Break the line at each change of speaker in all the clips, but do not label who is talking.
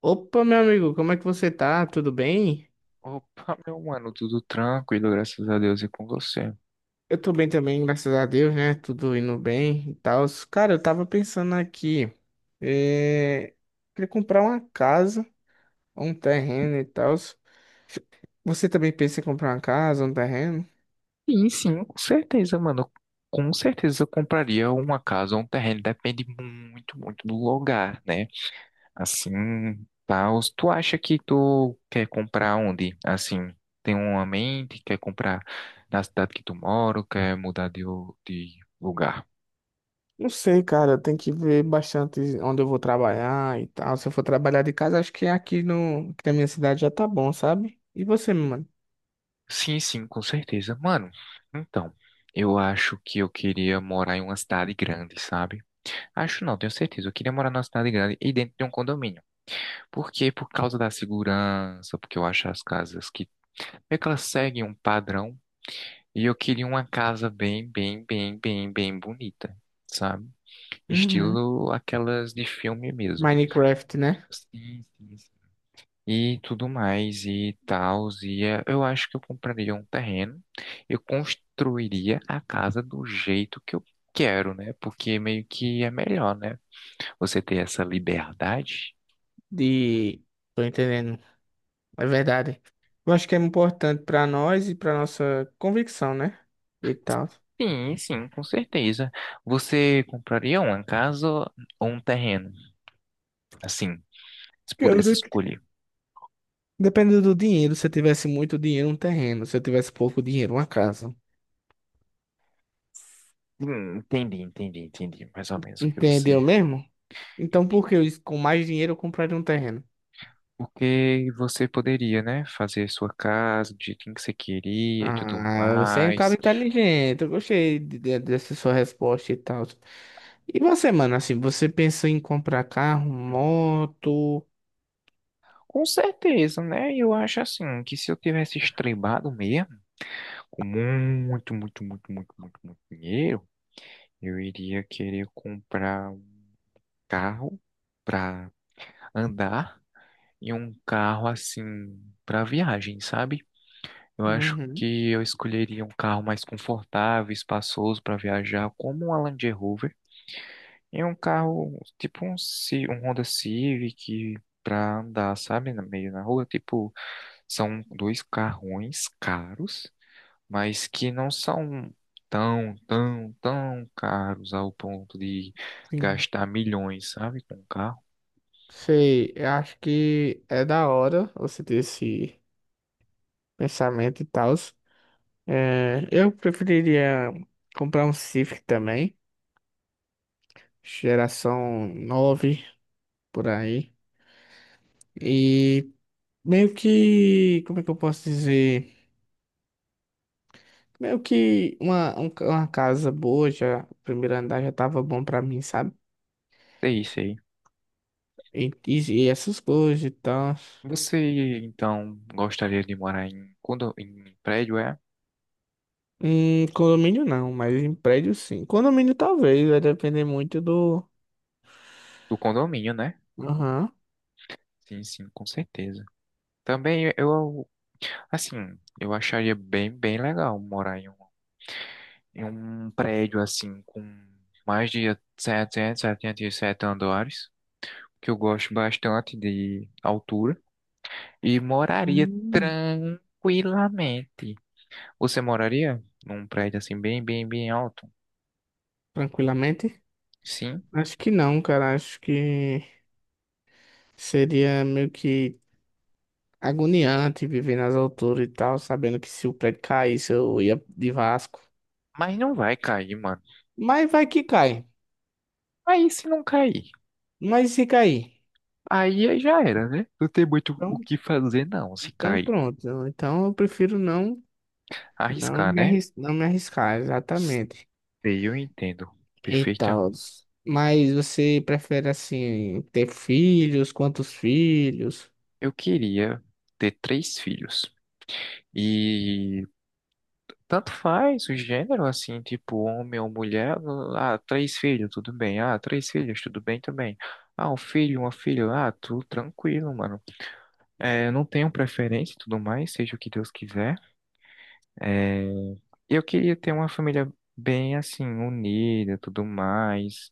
Opa, meu amigo, como é que você tá? Tudo bem?
Opa, meu mano, tudo tranquilo, graças a Deus e com você.
Eu tô bem também, graças a Deus, né? Tudo indo bem e tal. Cara, eu tava pensando aqui, é... queria comprar uma casa, um terreno e tal. Você também pensa em comprar uma casa, um terreno?
Sim, sim, com certeza, mano. Com certeza eu compraria uma casa ou um terreno, depende muito, muito do lugar, né? Assim, tal. Tu acha que tu quer comprar onde? Assim, tem uma mente, quer comprar na cidade que tu mora, ou quer mudar de lugar?
Não sei, cara, tem que ver bastante onde eu vou trabalhar e tal. Se eu for trabalhar de casa, acho que aqui no... aqui na minha cidade já tá bom, sabe? E você, mano?
Sim, sim, com certeza, mano. Então, eu acho que eu queria morar em uma cidade grande, sabe? Acho não, tenho certeza. Eu queria morar numa cidade grande e dentro de um condomínio. Por quê? Por causa da segurança, porque eu acho as casas que meio que elas seguem um padrão. E eu queria uma casa bem, bem, bem, bem, bem bonita, sabe?
Uhum.
Estilo aquelas de filme mesmo.
Minecraft, né?
Sim, sim, sim. E tudo mais e tal. E eu acho que eu compraria um terreno. Eu construiria a casa do jeito que eu quero, né? Porque meio que é melhor, né? Você ter essa liberdade.
De... Tô entendendo. É verdade. Eu acho que é importante para nós e para nossa convicção, né? E tal.
Sim, sim, com certeza. Você compraria uma casa ou um terreno? Assim, se
Cara,
pudesse escolher.
depende do dinheiro. Se eu tivesse muito dinheiro, um terreno. Se eu tivesse pouco dinheiro, uma casa.
Entendi, entendi, entendi. Mais ou menos o que você.
Entendeu mesmo? Então,
Entendi.
com mais dinheiro eu compraria um terreno?
Porque você poderia, né, fazer sua casa do jeitinho que você queria e tudo
Ah, você é um cara
mais.
inteligente. Eu gostei dessa sua resposta e tal. E você, mano, assim, você pensou em comprar carro, moto?
Com certeza, né? Eu acho assim que se eu tivesse estrebado mesmo, com muito, muito, muito, muito, muito, muito dinheiro, eu iria querer comprar um carro para andar. E um carro assim para viagem, sabe? Eu acho
Uhum.
que eu escolheria um carro mais confortável, espaçoso para viajar, como um Land Rover, e um carro tipo um Honda Civic para andar, sabe, no meio na rua. Tipo, são dois carrões caros, mas que não são tão, tão, tão caros ao ponto de
Sim.
gastar milhões, sabe, com um carro.
Sei, eu acho que é da hora você ter esse pensamento e tal. É, eu preferiria comprar um Civic também, geração 9 por aí. E meio que, como é que eu posso dizer? Meio que uma casa boa, já o primeiro andar já tava bom pra mim, sabe?
É isso aí.
E, e, e essas coisas e tal.
Você então gostaria de morar em prédio, é?
Em condomínio não, mas em prédio sim. Condomínio talvez, vai depender muito do.
Do condomínio, né?
Aham.
Sim, sim, com certeza. Também eu, assim, eu acharia bem, bem legal morar em um prédio assim, com mais de 777 andares, que eu gosto bastante de altura, e moraria
Hum,
tranquilamente. Você moraria num prédio assim, bem, bem, bem alto?
Tranquilamente?
Sim,
Acho que não, cara. Acho que. Seria meio que agoniante viver nas alturas e tal, sabendo que se o prédio caísse eu ia de Vasco.
mas não vai cair, mano.
Mas vai que cai.
Aí se não cair.
Mas e se cair?
Aí aí já era, né? Não tem muito o
Então,
que fazer, não, se
então
cair.
pronto. Então eu prefiro não,
Arriscar, né?
não me arriscar, exatamente.
Sei, eu entendo
E
perfeitamente.
tal. Mas você prefere assim ter filhos? Quantos filhos?
Eu queria ter três filhos. E tanto faz o gênero, assim, tipo homem ou mulher. Ah, três filhos, tudo bem. Ah, três filhos, tudo bem também. Ah, um filho, uma filha, ah, tudo tranquilo, mano. É, não tenho preferência e tudo mais, seja o que Deus quiser. É, eu queria ter uma família bem, assim, unida, tudo mais.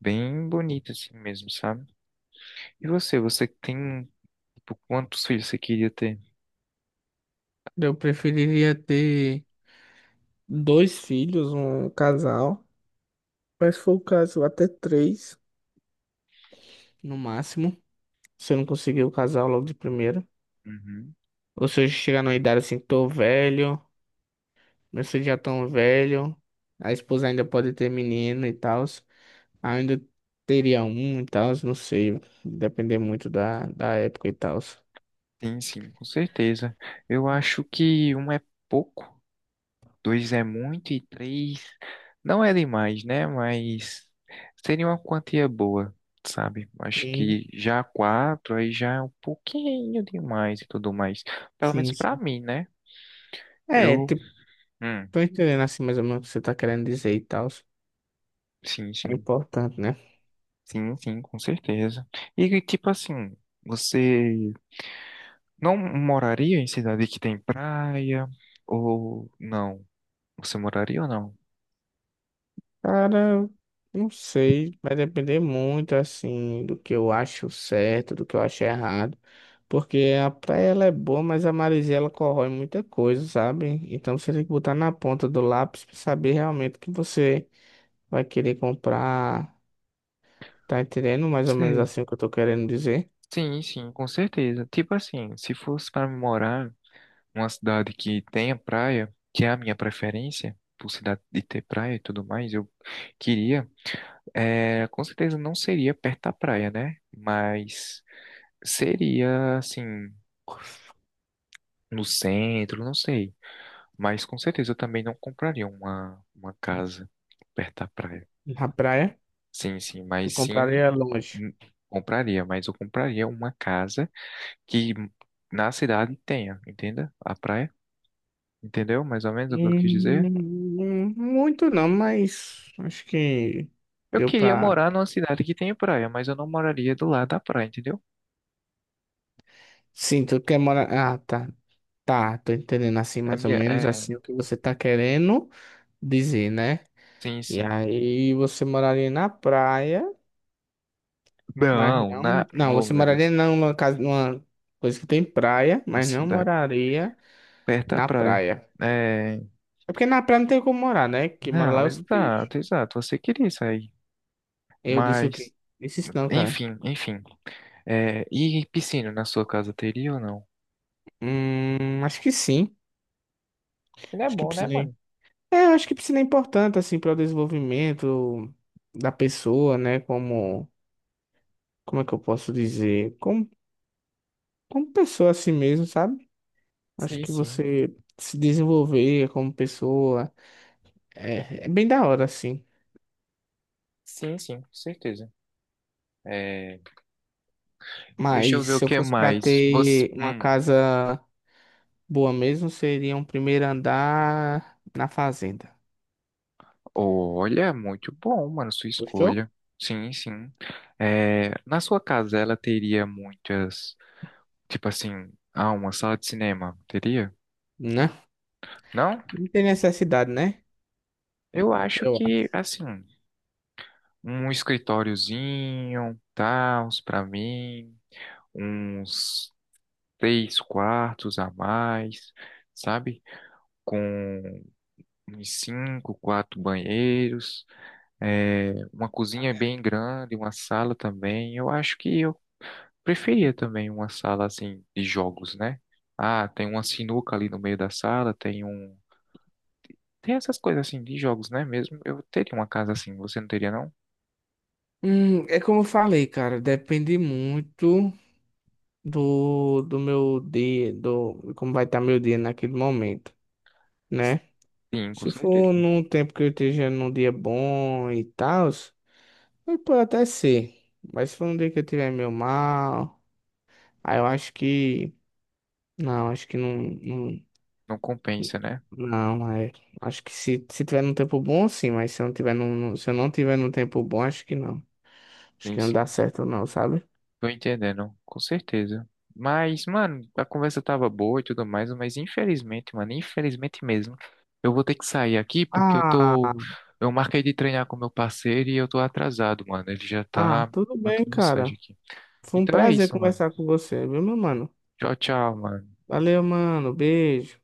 Bem bonito assim mesmo, sabe? E você, você tem, tipo, quantos filhos você queria ter?
Eu preferiria ter dois filhos, um casal. Mas se for o caso, até três no máximo. Você não conseguiu casar logo de primeira.
Uhum.
Ou se hoje chegar numa idade assim, tô velho, meus filhos já tão velho, a esposa ainda pode ter menino e tal, ainda teria um e tal, não sei, depender muito da época e tal.
Sim, sim, com certeza. Eu acho que um é pouco, dois é muito e três não é demais, né? Mas seria uma quantia boa, sabe? Acho
Sim,
que já quatro aí já é um pouquinho demais e tudo mais. Pelo menos
sim,
pra
sim.
mim, né?
É,
Eu,
tipo,
hum,
tô entendendo assim mais ou menos o que você tá querendo dizer e tal.
sim,
É
sim,
importante, né?
sim, sim, com certeza. E tipo assim, você não moraria em cidade que tem praia? Ou não? Você moraria ou não?
Cara, não sei, vai depender muito assim do que eu acho certo, do que eu acho errado, porque a praia ela é boa, mas a maresia ela corrói muita coisa, sabe? Então você tem que botar na ponta do lápis pra saber realmente o que você vai querer comprar, tá entendendo? Mais ou menos
Sei.
assim o que eu tô querendo dizer.
Sim, sim, com certeza. Tipo assim, se fosse para morar numa cidade que tenha praia, que é a minha preferência, por cidade de ter praia e tudo mais, eu queria, é, com certeza não seria perto da praia, né? Mas seria assim, no centro, não sei. Mas com certeza eu também não compraria uma casa perto da praia.
Na praia,
Sim, sim,
tu
mas sim.
compraria longe.
Hum, Compraria, mas eu compraria uma casa que na cidade tenha, entenda? A praia, entendeu? Mais ou menos o que eu quis dizer.
Muito não, mas acho que
Eu
deu
queria
pra.
morar numa cidade que tenha praia, mas eu não moraria do lado da praia, entendeu?
Sim, tu quer morar. Ah, tá. Tá, tô entendendo assim
É
mais ou
minha,
menos
é,
assim o que você tá querendo dizer, né?
sim,
E
sim.
aí você moraria na praia, mas
Não, na,
não,
oh
você
meu
moraria
Deus,
não numa casa, numa coisa que tem praia,
uma
mas não
cidade
moraria
perto da
na
praia.
praia.
É,
É porque na praia não tem como morar, né? Que mora lá
não,
é os peixes.
exato, exato. Você queria isso aí,
Eu disse o
mas,
quê? Disse isso não, cara.
enfim, enfim. É, e piscina na sua casa teria ou não?
Acho que sim.
Piscina é
Acho que
bom, né,
piscina
mano?
é importante assim para o desenvolvimento da pessoa, né? Como é que eu posso dizer? Como pessoa assim mesmo, sabe? Acho
Sim,
que
sim.
você se desenvolver como pessoa é bem da hora, assim.
Sim, sim, com certeza. É, deixa eu
Mas
ver o
se eu
que
fosse pra
mais. Você,
ter uma casa boa mesmo, seria um primeiro andar na fazenda.
olha, muito bom, mano, sua
Gostou?
escolha. Sim, sim. É, na sua casa ela teria muitas, tipo assim, ah, uma sala de cinema, teria?
Né?
Não?
Não tem necessidade, né?
Eu acho
Eu acho.
que, assim, um escritóriozinho, tal, pra mim, uns três quartos a mais, sabe? Com uns cinco, quatro banheiros. É, uma cozinha bem grande, uma sala também. Eu acho que eu preferia também uma sala assim de jogos, né? Ah, tem uma sinuca ali no meio da sala, tem um. Tem essas coisas assim de jogos, né? Mesmo eu teria uma casa assim, você não teria, não?
É como eu falei, cara, depende muito do meu dia, do como vai estar meu dia naquele momento, né?
Sim, com
Se
certeza.
for num tempo que eu esteja num dia bom e tal, mas pode até ser. Mas se for um dia que eu tiver meio mal, aí eu acho que. Não, acho que não.
Não compensa, né?
Não, não é. Acho que se tiver num tempo bom, sim, mas se eu não tiver se eu não tiver num tempo bom, acho que não. Acho
Sim,
que não
sim.
dá certo, não, sabe?
Tô entendendo, com certeza. Mas, mano, a conversa tava boa e tudo mais, mas infelizmente, mano, infelizmente mesmo, eu vou ter que sair aqui porque eu tô.
Ah,
Eu marquei de treinar com meu parceiro e eu tô atrasado, mano. Ele já
ah,
tá
tudo bem,
mandando
cara.
mensagem aqui.
Foi um
Então é
prazer
isso, mano.
conversar com você, viu, meu mano?
Tchau, tchau, mano.
Valeu, mano. Beijo.